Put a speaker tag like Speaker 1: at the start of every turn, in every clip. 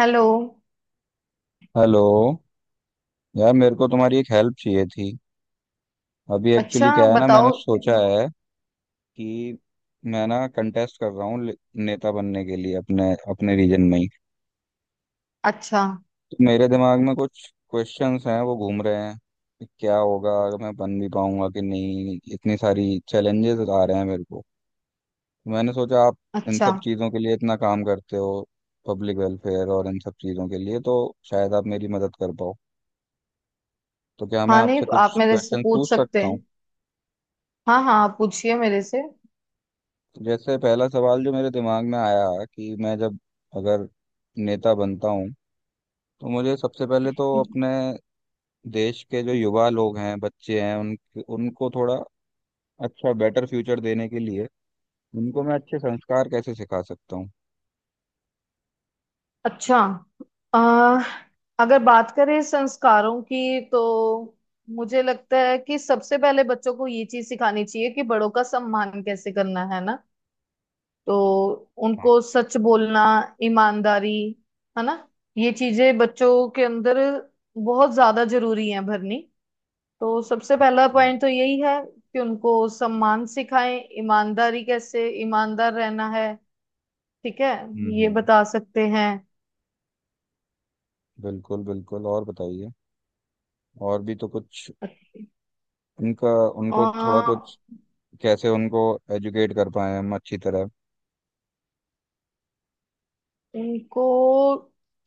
Speaker 1: Hello.
Speaker 2: Hello. यार मेरे को तुम्हारी एक हेल्प चाहिए थी। अभी एक्चुअली
Speaker 1: अच्छा,
Speaker 2: क्या है ना, मैंने
Speaker 1: बताओ।
Speaker 2: सोचा है कि मैं ना कंटेस्ट कर रहा हूँ नेता बनने के लिए, अपने अपने रीजन में ही।
Speaker 1: अच्छा।
Speaker 2: तो मेरे दिमाग में कुछ क्वेश्चंस हैं, वो घूम रहे हैं कि क्या होगा, अगर मैं बन भी पाऊंगा कि नहीं, इतनी सारी चैलेंजेस आ रहे हैं मेरे को। तो मैंने सोचा आप इन
Speaker 1: अच्छा।
Speaker 2: सब चीज़ों के लिए इतना काम करते हो, पब्लिक वेलफेयर और इन सब चीज़ों के लिए, तो शायद आप मेरी मदद कर पाओ। तो क्या मैं
Speaker 1: हाँ, नहीं
Speaker 2: आपसे
Speaker 1: आप
Speaker 2: कुछ
Speaker 1: मेरे से
Speaker 2: क्वेश्चन
Speaker 1: पूछ
Speaker 2: पूछ
Speaker 1: सकते
Speaker 2: सकता
Speaker 1: हैं।
Speaker 2: हूँ?
Speaker 1: हाँ हाँ, आप पूछिए मेरे से।
Speaker 2: जैसे पहला सवाल जो मेरे दिमाग में आया कि मैं जब, अगर नेता बनता हूँ, तो मुझे सबसे पहले तो अपने देश के जो युवा लोग हैं, बच्चे हैं, उन उनको थोड़ा अच्छा बेटर फ्यूचर देने के लिए उनको मैं अच्छे संस्कार कैसे सिखा सकता हूँ?
Speaker 1: अच्छा। आ, अगर बात करें संस्कारों की तो मुझे लगता है कि सबसे पहले बच्चों को ये चीज सिखानी चाहिए कि बड़ों का सम्मान कैसे करना है ना। तो
Speaker 2: हाँ,
Speaker 1: उनको सच बोलना, ईमानदारी, है ना। ये चीजें बच्चों के अंदर बहुत ज्यादा जरूरी है भरनी। तो सबसे पहला
Speaker 2: हाँ।
Speaker 1: पॉइंट तो यही है कि उनको सम्मान सिखाएं, ईमानदारी, कैसे ईमानदार रहना है। ठीक है,
Speaker 2: हम्म
Speaker 1: ये
Speaker 2: हम्म,
Speaker 1: बता सकते हैं।
Speaker 2: बिल्कुल, बिल्कुल, और बताइए, और भी तो कुछ उनका,
Speaker 1: अ,
Speaker 2: उनको थोड़ा कुछ, कैसे उनको एजुकेट कर पाए हम अच्छी तरह,
Speaker 1: उनको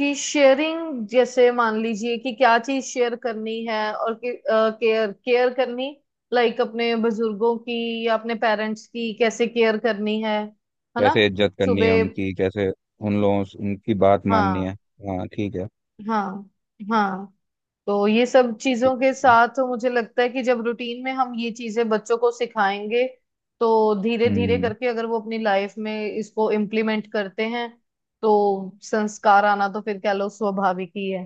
Speaker 1: कि शेयरिंग, जैसे मान लीजिए कि क्या चीज शेयर करनी है, और कि केयर केयर करनी, लाइक अपने बुजुर्गों की या अपने पेरेंट्स की कैसे केयर करनी है ना।
Speaker 2: कैसे इज्जत करनी है
Speaker 1: सुबह।
Speaker 2: उनकी, कैसे उन लोगों से उनकी बात माननी
Speaker 1: हाँ।
Speaker 2: है। हाँ, ठीक है।
Speaker 1: हाँ। हाँ। तो ये सब
Speaker 2: ठीक
Speaker 1: चीजों के
Speaker 2: है।
Speaker 1: साथ मुझे लगता है कि जब रूटीन में हम ये चीजें बच्चों को सिखाएंगे, तो धीरे धीरे
Speaker 2: हम्म।
Speaker 1: करके अगर वो अपनी लाइफ में इसको इम्प्लीमेंट करते हैं, तो संस्कार आना तो फिर कह लो स्वाभाविक ही है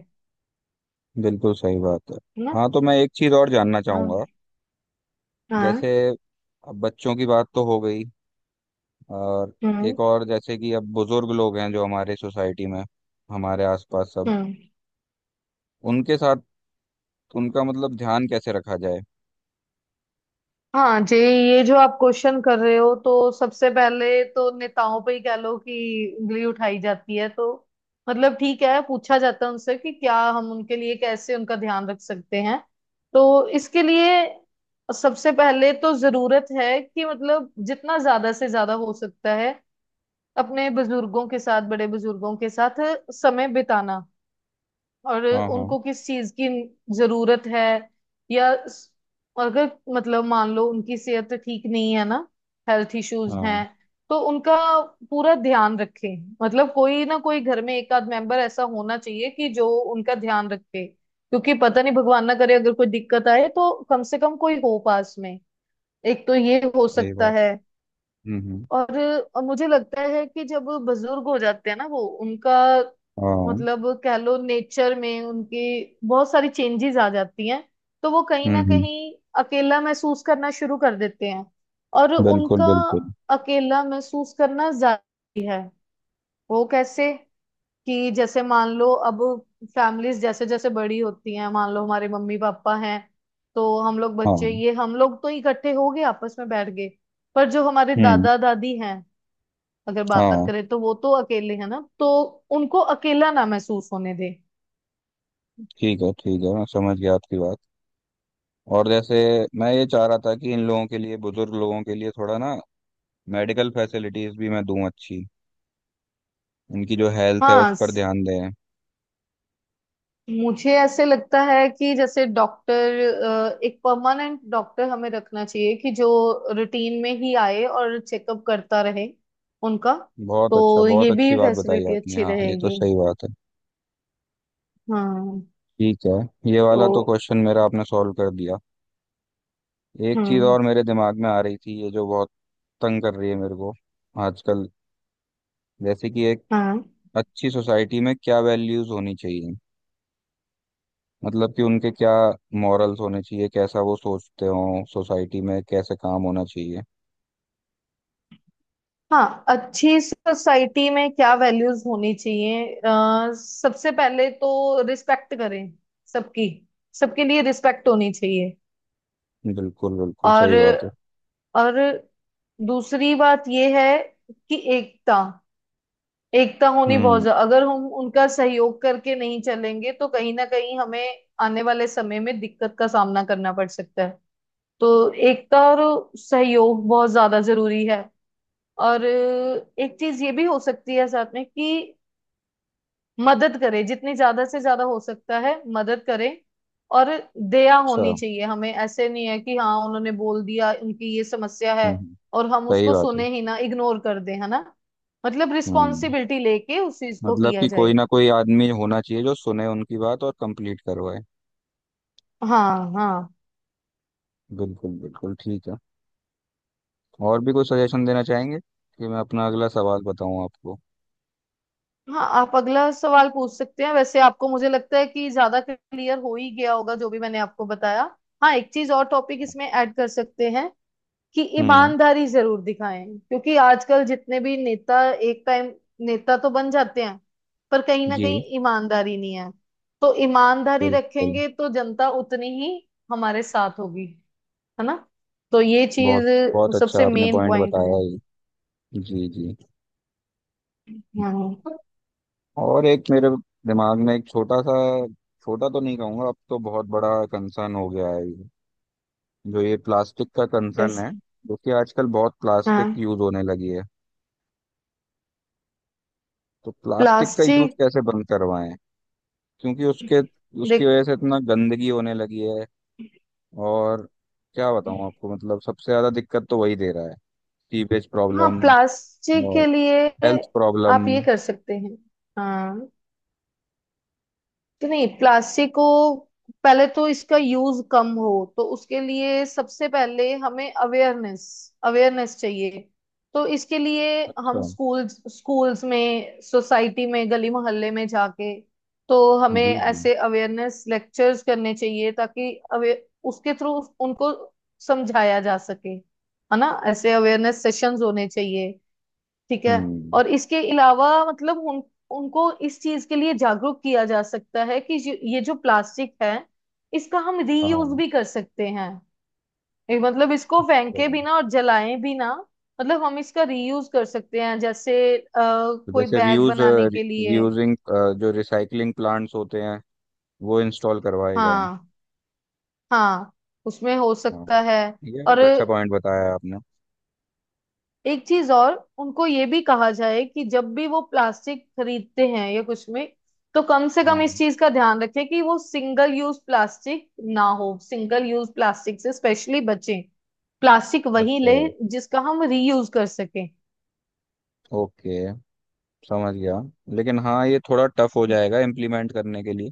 Speaker 2: बिल्कुल सही बात है।
Speaker 1: है ना।
Speaker 2: हाँ, तो मैं एक चीज और जानना
Speaker 1: हाँ।
Speaker 2: चाहूंगा।
Speaker 1: हाँ।
Speaker 2: जैसे अब बच्चों की बात तो हो गई, और
Speaker 1: हम्म,
Speaker 2: एक और जैसे कि अब बुजुर्ग लोग हैं जो हमारे सोसाइटी में, हमारे आसपास सब,
Speaker 1: हम्म।
Speaker 2: उनके साथ, उनका मतलब ध्यान कैसे रखा जाए?
Speaker 1: हाँ जी, ये जो आप क्वेश्चन कर रहे हो, तो सबसे पहले तो नेताओं पे ही कह लो कि उंगली उठाई जाती है, तो मतलब ठीक है, पूछा जाता है उनसे कि क्या हम उनके लिए, कैसे उनका ध्यान रख सकते हैं। तो इसके लिए सबसे पहले तो जरूरत है कि मतलब जितना ज्यादा से ज्यादा हो सकता है अपने बुजुर्गों के साथ, बड़े बुजुर्गों के साथ समय बिताना, और
Speaker 2: हाँ, हाँ।
Speaker 1: उनको किस चीज की जरूरत है। या अगर मतलब मान लो उनकी सेहत ठीक नहीं है ना, हेल्थ इश्यूज हैं।
Speaker 2: हाँ,
Speaker 1: तो उनका पूरा ध्यान रखें, मतलब कोई ना कोई घर में एक आध मेंबर ऐसा होना चाहिए कि जो उनका ध्यान रखे, क्योंकि पता नहीं भगवान ना करे अगर कोई दिक्कत आए तो कम से कम कोई हो पास में। एक तो ये हो
Speaker 2: सही
Speaker 1: सकता
Speaker 2: बात।
Speaker 1: है।
Speaker 2: हम्म, हम्म,
Speaker 1: और और मुझे लगता है कि जब बुजुर्ग हो जाते हैं ना, वो उनका
Speaker 2: हाँ।
Speaker 1: मतलब कह लो नेचर में उनकी बहुत सारी चेंजेस आ जाती हैं, तो वो कहीं
Speaker 2: हम्म
Speaker 1: ना
Speaker 2: हम्म
Speaker 1: कहीं अकेला महसूस करना शुरू कर देते हैं। और
Speaker 2: बिल्कुल
Speaker 1: उनका
Speaker 2: बिल्कुल
Speaker 1: अकेला महसूस करना जारी है। वो कैसे, कि जैसे मान लो अब फैमिलीज जैसे जैसे बड़ी होती हैं, मान लो हमारे मम्मी पापा हैं, तो हम लोग बच्चे,
Speaker 2: हाँ।
Speaker 1: ये हम लोग तो इकट्ठे हो गए, आपस में बैठ गए। पर जो हमारे
Speaker 2: हम्म।
Speaker 1: दादा दादी हैं, अगर बात
Speaker 2: हाँ,
Speaker 1: करें तो वो तो अकेले है ना, तो उनको अकेला ना महसूस होने दे।
Speaker 2: ठीक है। ठीक है, मैं समझ गया आपकी बात। और जैसे मैं ये चाह रहा था कि इन लोगों के लिए, बुजुर्ग लोगों के लिए, थोड़ा ना मेडिकल फैसिलिटीज भी मैं दूं अच्छी, उनकी जो हेल्थ है उस
Speaker 1: हाँ।
Speaker 2: पर ध्यान दें।
Speaker 1: मुझे ऐसे लगता है कि जैसे डॉक्टर, एक परमानेंट डॉक्टर हमें रखना चाहिए कि जो रूटीन में ही आए और चेकअप करता रहे उनका।
Speaker 2: बहुत अच्छा,
Speaker 1: तो
Speaker 2: बहुत
Speaker 1: ये भी
Speaker 2: अच्छी बात बताई
Speaker 1: फैसिलिटी
Speaker 2: आपने।
Speaker 1: अच्छी
Speaker 2: हाँ, ये तो
Speaker 1: रहेगी।
Speaker 2: सही बात है।
Speaker 1: हाँ।
Speaker 2: ठीक है, ये
Speaker 1: तो।
Speaker 2: वाला तो क्वेश्चन मेरा आपने सॉल्व कर दिया। एक चीज़
Speaker 1: हम्म।
Speaker 2: और मेरे दिमाग में आ रही थी, ये जो बहुत तंग कर रही है मेरे को आजकल, जैसे कि एक
Speaker 1: हाँ।
Speaker 2: अच्छी सोसाइटी में क्या वैल्यूज होनी चाहिए? मतलब कि उनके क्या मॉरल्स होने चाहिए, कैसा वो सोचते हो, सोसाइटी में कैसे काम होना चाहिए?
Speaker 1: हाँ। अच्छी सोसाइटी में क्या वैल्यूज होनी चाहिए? सबसे पहले तो रिस्पेक्ट करें, सबकी, सबके लिए रिस्पेक्ट होनी चाहिए।
Speaker 2: बिल्कुल, बिल्कुल, सही बात है।
Speaker 1: और और दूसरी बात यह है कि एकता, एकता होनी बहुत
Speaker 2: हम्म।
Speaker 1: ज्यादा, अगर हम उनका सहयोग करके नहीं चलेंगे तो कहीं ना कहीं हमें आने वाले समय में दिक्कत का सामना करना पड़ सकता है। तो एकता और सहयोग बहुत ज्यादा जरूरी है। और एक चीज ये भी हो सकती है साथ में कि मदद करे, जितनी ज्यादा से ज्यादा हो सकता है मदद करे। और दया
Speaker 2: अच्छा।
Speaker 1: होनी चाहिए हमें, ऐसे नहीं है कि हाँ उन्होंने बोल दिया उनकी ये समस्या है,
Speaker 2: हम्म, हम्म,
Speaker 1: और हम
Speaker 2: सही
Speaker 1: उसको
Speaker 2: बात है।
Speaker 1: सुने ही ना, इग्नोर कर दें, है ना। मतलब
Speaker 2: हम्म।
Speaker 1: रिस्पॉन्सिबिलिटी लेके उस चीज को
Speaker 2: मतलब
Speaker 1: किया
Speaker 2: कि कोई
Speaker 1: जाए।
Speaker 2: ना कोई आदमी होना चाहिए जो सुने उनकी बात और कंप्लीट करवाए।
Speaker 1: हाँ हाँ।
Speaker 2: बिल्कुल, बिल्कुल, ठीक है। और भी कोई सजेशन देना चाहेंगे, कि मैं अपना अगला सवाल बताऊं आपको?
Speaker 1: हाँ, आप अगला सवाल पूछ सकते हैं, वैसे आपको मुझे लगता है कि ज्यादा क्लियर हो ही गया होगा जो भी मैंने आपको बताया। हाँ, एक चीज और टॉपिक इसमें ऐड कर सकते हैं कि
Speaker 2: हम्म।
Speaker 1: ईमानदारी जरूर दिखाएं, क्योंकि आजकल जितने भी नेता एक टाइम नेता तो बन जाते हैं, पर कहीं ना कहीं
Speaker 2: जी।
Speaker 1: ईमानदारी नहीं है। तो ईमानदारी
Speaker 2: बिल्कुल।
Speaker 1: रखेंगे तो जनता उतनी ही हमारे साथ होगी, है ना। तो ये
Speaker 2: बहुत,
Speaker 1: चीज
Speaker 2: बहुत अच्छा
Speaker 1: सबसे
Speaker 2: आपने
Speaker 1: मेन
Speaker 2: पॉइंट
Speaker 1: पॉइंट है।
Speaker 2: बताया ये। जी, जी।
Speaker 1: हाँ।
Speaker 2: और एक मेरे दिमाग में एक छोटा सा, छोटा तो नहीं कहूंगा, अब तो बहुत बड़ा कंसर्न हो गया है ये, जो ये प्लास्टिक का कंसर्न
Speaker 1: yes।
Speaker 2: है। क्योंकि आजकल बहुत प्लास्टिक
Speaker 1: हाँ।
Speaker 2: यूज होने लगी है, तो प्लास्टिक का यूज
Speaker 1: प्लास्टिक।
Speaker 2: कैसे बंद करवाएं? क्योंकि उसके, उसकी
Speaker 1: देख।
Speaker 2: वजह से इतना गंदगी होने लगी है। और क्या बताऊं आपको, मतलब सबसे ज्यादा दिक्कत तो वही दे रहा है। सीवेज
Speaker 1: हाँ,
Speaker 2: प्रॉब्लम,
Speaker 1: प्लास्टिक के
Speaker 2: और
Speaker 1: लिए
Speaker 2: हेल्थ
Speaker 1: आप
Speaker 2: प्रॉब्लम।
Speaker 1: ये कर सकते हैं। हाँ, कि नहीं, प्लास्टिक को पहले तो इसका यूज कम हो, तो उसके लिए सबसे पहले हमें अवेयरनेस, अवेयरनेस चाहिए। तो इसके लिए
Speaker 2: अच्छा।
Speaker 1: हम स्कूल्स, स्कूल्स में, सोसाइटी में, गली मोहल्ले में जाके, तो हमें
Speaker 2: जी, जी।
Speaker 1: ऐसे अवेयरनेस लेक्चर्स करने चाहिए ताकि अवे उसके थ्रू उनको समझाया जा सके, है ना। ऐसे अवेयरनेस सेशंस होने चाहिए। ठीक है।
Speaker 2: हम्म।
Speaker 1: और इसके अलावा मतलब उन उनको इस चीज के लिए जागरूक किया जा सकता है कि ये जो प्लास्टिक है इसका हम रीयूज
Speaker 2: हाँ,
Speaker 1: भी कर सकते हैं, ये मतलब इसको फेंके
Speaker 2: जगह।
Speaker 1: भी ना और जलाएं भी ना। मतलब हम इसका रीयूज कर सकते हैं, जैसे
Speaker 2: तो
Speaker 1: कोई
Speaker 2: जैसे
Speaker 1: बैग
Speaker 2: रीयूज,
Speaker 1: बनाने के लिए।
Speaker 2: रीयूजिंग, जो रिसाइकलिंग प्लांट्स होते हैं वो इंस्टॉल करवाए जाएं।
Speaker 1: हाँ। हाँ, उसमें हो
Speaker 2: हाँ,
Speaker 1: सकता है।
Speaker 2: ये
Speaker 1: और
Speaker 2: बहुत अच्छा पॉइंट बताया आपने।
Speaker 1: एक चीज और, उनको ये भी कहा जाए कि जब भी वो प्लास्टिक खरीदते हैं या कुछ में, तो कम से कम इस
Speaker 2: हाँ।
Speaker 1: चीज का ध्यान रखें कि वो सिंगल यूज प्लास्टिक ना हो, सिंगल यूज प्लास्टिक से स्पेशली बचें। प्लास्टिक वही
Speaker 2: अच्छा।
Speaker 1: ले जिसका हम रीयूज कर सकें।
Speaker 2: ओके, समझ गया। लेकिन हाँ, ये थोड़ा टफ हो जाएगा इम्प्लीमेंट करने के लिए।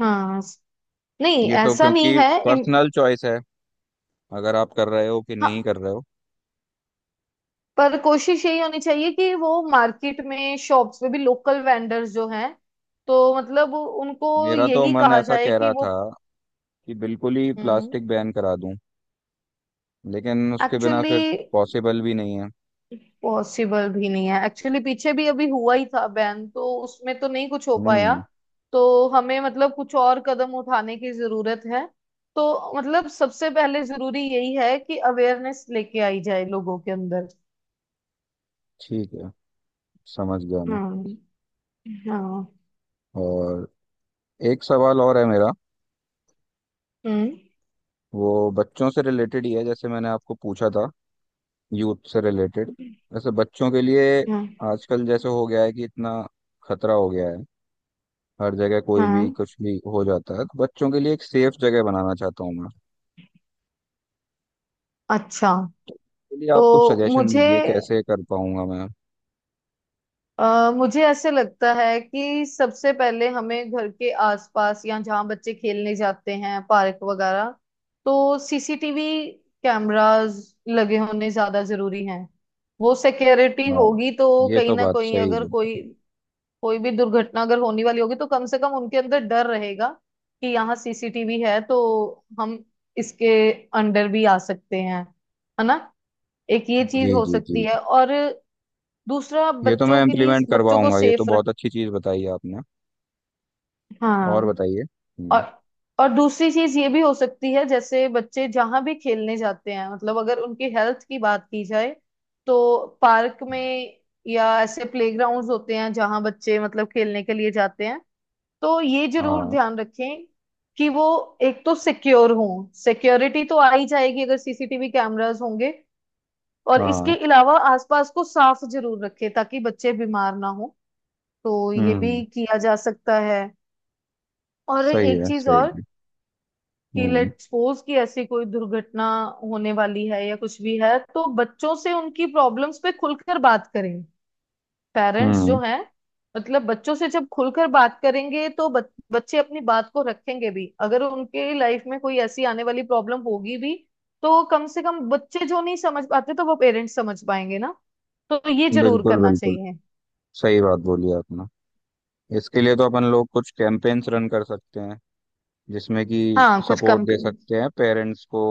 Speaker 1: हाँ। नहीं,
Speaker 2: ये तो,
Speaker 1: ऐसा नहीं
Speaker 2: क्योंकि
Speaker 1: है,
Speaker 2: पर्सनल चॉइस है, अगर आप कर रहे हो कि
Speaker 1: हाँ,
Speaker 2: नहीं कर रहे हो।
Speaker 1: पर कोशिश यही होनी चाहिए कि वो मार्केट में, शॉप्स में भी, लोकल वेंडर्स जो हैं तो मतलब उनको
Speaker 2: मेरा तो
Speaker 1: यही
Speaker 2: मन
Speaker 1: कहा
Speaker 2: ऐसा
Speaker 1: जाए
Speaker 2: कह
Speaker 1: कि
Speaker 2: रहा
Speaker 1: वो
Speaker 2: था कि बिल्कुल ही प्लास्टिक बैन करा दूं, लेकिन उसके बिना
Speaker 1: एक्चुअली
Speaker 2: फिर पॉसिबल भी नहीं है।
Speaker 1: पॉसिबल भी नहीं है। एक्चुअली पीछे भी अभी हुआ ही था बैन, तो उसमें तो नहीं कुछ हो पाया।
Speaker 2: हम्म।
Speaker 1: तो हमें मतलब कुछ और कदम उठाने की जरूरत है। तो मतलब सबसे पहले जरूरी यही है कि अवेयरनेस लेके आई जाए लोगों के अंदर।
Speaker 2: ठीक है, समझ गया मैं।
Speaker 1: हम्म। हाँ।
Speaker 2: और एक सवाल और है मेरा।
Speaker 1: हम्म।
Speaker 2: वो बच्चों से रिलेटेड ही है, जैसे मैंने आपको पूछा था, यूथ से रिलेटेड। जैसे बच्चों के लिए
Speaker 1: हाँ।
Speaker 2: आजकल जैसे हो गया है कि इतना खतरा हो गया है, हर जगह कोई भी
Speaker 1: हाँ।
Speaker 2: कुछ भी हो जाता है, तो बच्चों के लिए एक सेफ जगह बनाना चाहता हूँ मैं।
Speaker 1: अच्छा,
Speaker 2: लिए आप कुछ
Speaker 1: तो
Speaker 2: सजेशन
Speaker 1: मुझे
Speaker 2: दीजिए कैसे कर पाऊंगा मैं।
Speaker 1: अ, मुझे ऐसे लगता है कि सबसे पहले हमें घर के आसपास या जहाँ बच्चे खेलने जाते हैं, पार्क वगैरह, तो सीसीटीवी कैमरास लगे होने ज्यादा जरूरी हैं। वो सिक्योरिटी
Speaker 2: हाँ,
Speaker 1: होगी तो
Speaker 2: ये
Speaker 1: कहीं
Speaker 2: तो
Speaker 1: ना
Speaker 2: बात
Speaker 1: कहीं,
Speaker 2: सही
Speaker 1: अगर कोई
Speaker 2: बोला।
Speaker 1: कोई भी दुर्घटना अगर होने वाली होगी तो कम से कम उनके अंदर डर रहेगा कि यहाँ सीसीटीवी है, तो हम इसके अंडर भी आ सकते हैं, है ना। एक ये
Speaker 2: जी
Speaker 1: चीज हो
Speaker 2: जी, जी
Speaker 1: सकती है।
Speaker 2: जी।
Speaker 1: और दूसरा,
Speaker 2: ये तो मैं
Speaker 1: बच्चों के लिए,
Speaker 2: इम्प्लीमेंट
Speaker 1: बच्चों को
Speaker 2: करवाऊंगा, ये तो
Speaker 1: सेफ रख।
Speaker 2: बहुत अच्छी चीज़ बताई आपने। और
Speaker 1: हाँ।
Speaker 2: बताइए।
Speaker 1: और
Speaker 2: हम्म।
Speaker 1: और दूसरी चीज ये भी हो सकती है, जैसे बच्चे जहां भी खेलने जाते हैं, मतलब अगर उनकी हेल्थ की बात की जाए, तो पार्क में या ऐसे प्लेग्राउंड्स होते हैं जहां बच्चे मतलब खेलने के लिए जाते हैं, तो ये जरूर
Speaker 2: हाँ,
Speaker 1: ध्यान रखें कि वो एक तो सिक्योर हो, सिक्योरिटी तो आ ही जाएगी अगर सीसीटीवी कैमरास होंगे। और इसके
Speaker 2: हाँ।
Speaker 1: अलावा आसपास को साफ जरूर रखें ताकि बच्चे बीमार ना हो। तो ये
Speaker 2: हम्म।
Speaker 1: भी किया जा सकता है। और
Speaker 2: सही
Speaker 1: एक
Speaker 2: है,
Speaker 1: चीज
Speaker 2: सही
Speaker 1: और,
Speaker 2: है।
Speaker 1: कि
Speaker 2: हम्म
Speaker 1: लेट सपोज कि ऐसी कोई दुर्घटना होने वाली है या कुछ भी है, तो बच्चों से उनकी प्रॉब्लम्स पे खुलकर बात करें, पेरेंट्स
Speaker 2: हम्म
Speaker 1: जो हैं। मतलब बच्चों से जब खुलकर बात करेंगे तो बच्चे अपनी बात को रखेंगे भी, अगर उनके लाइफ में कोई ऐसी आने वाली प्रॉब्लम होगी भी, तो कम से कम बच्चे जो नहीं समझ पाते तो वो पेरेंट्स समझ पाएंगे ना। तो ये जरूर
Speaker 2: बिल्कुल
Speaker 1: करना
Speaker 2: बिल्कुल
Speaker 1: चाहिए।
Speaker 2: सही बात बोली आपने। इसके लिए तो अपन लोग कुछ कैंपेन्स रन कर सकते हैं, जिसमें कि
Speaker 1: हाँ, कुछ
Speaker 2: सपोर्ट
Speaker 1: कम।
Speaker 2: दे सकते हैं पेरेंट्स को,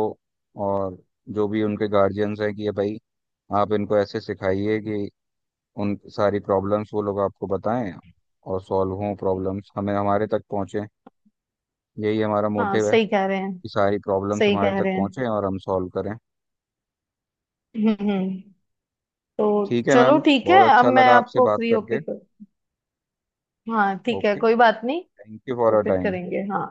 Speaker 2: और जो भी उनके गार्जियंस हैं कि ये भाई, आप इनको ऐसे सिखाइए कि उन सारी प्रॉब्लम्स वो लोग आपको बताएं, और सॉल्व हों प्रॉब्लम्स, हमें हमारे तक पहुंचे। यही हमारा
Speaker 1: हाँ,
Speaker 2: मोटिव है
Speaker 1: सही कह रहे हैं।
Speaker 2: कि सारी प्रॉब्लम्स
Speaker 1: सही
Speaker 2: हमारे
Speaker 1: कह
Speaker 2: तक
Speaker 1: रहे हैं।
Speaker 2: पहुंचे और हम सॉल्व करें।
Speaker 1: हम्म, तो,
Speaker 2: ठीक है
Speaker 1: चलो
Speaker 2: मैम,
Speaker 1: ठीक है,
Speaker 2: बहुत
Speaker 1: अब
Speaker 2: अच्छा
Speaker 1: मैं
Speaker 2: लगा आपसे
Speaker 1: आपको
Speaker 2: बात
Speaker 1: फ्री होके
Speaker 2: करके।
Speaker 1: कर। हाँ ठीक है,
Speaker 2: ओके,
Speaker 1: कोई बात नहीं।
Speaker 2: थैंक यू फॉर
Speaker 1: तो
Speaker 2: अ
Speaker 1: फिर
Speaker 2: टाइम।
Speaker 1: करेंगे, हाँ।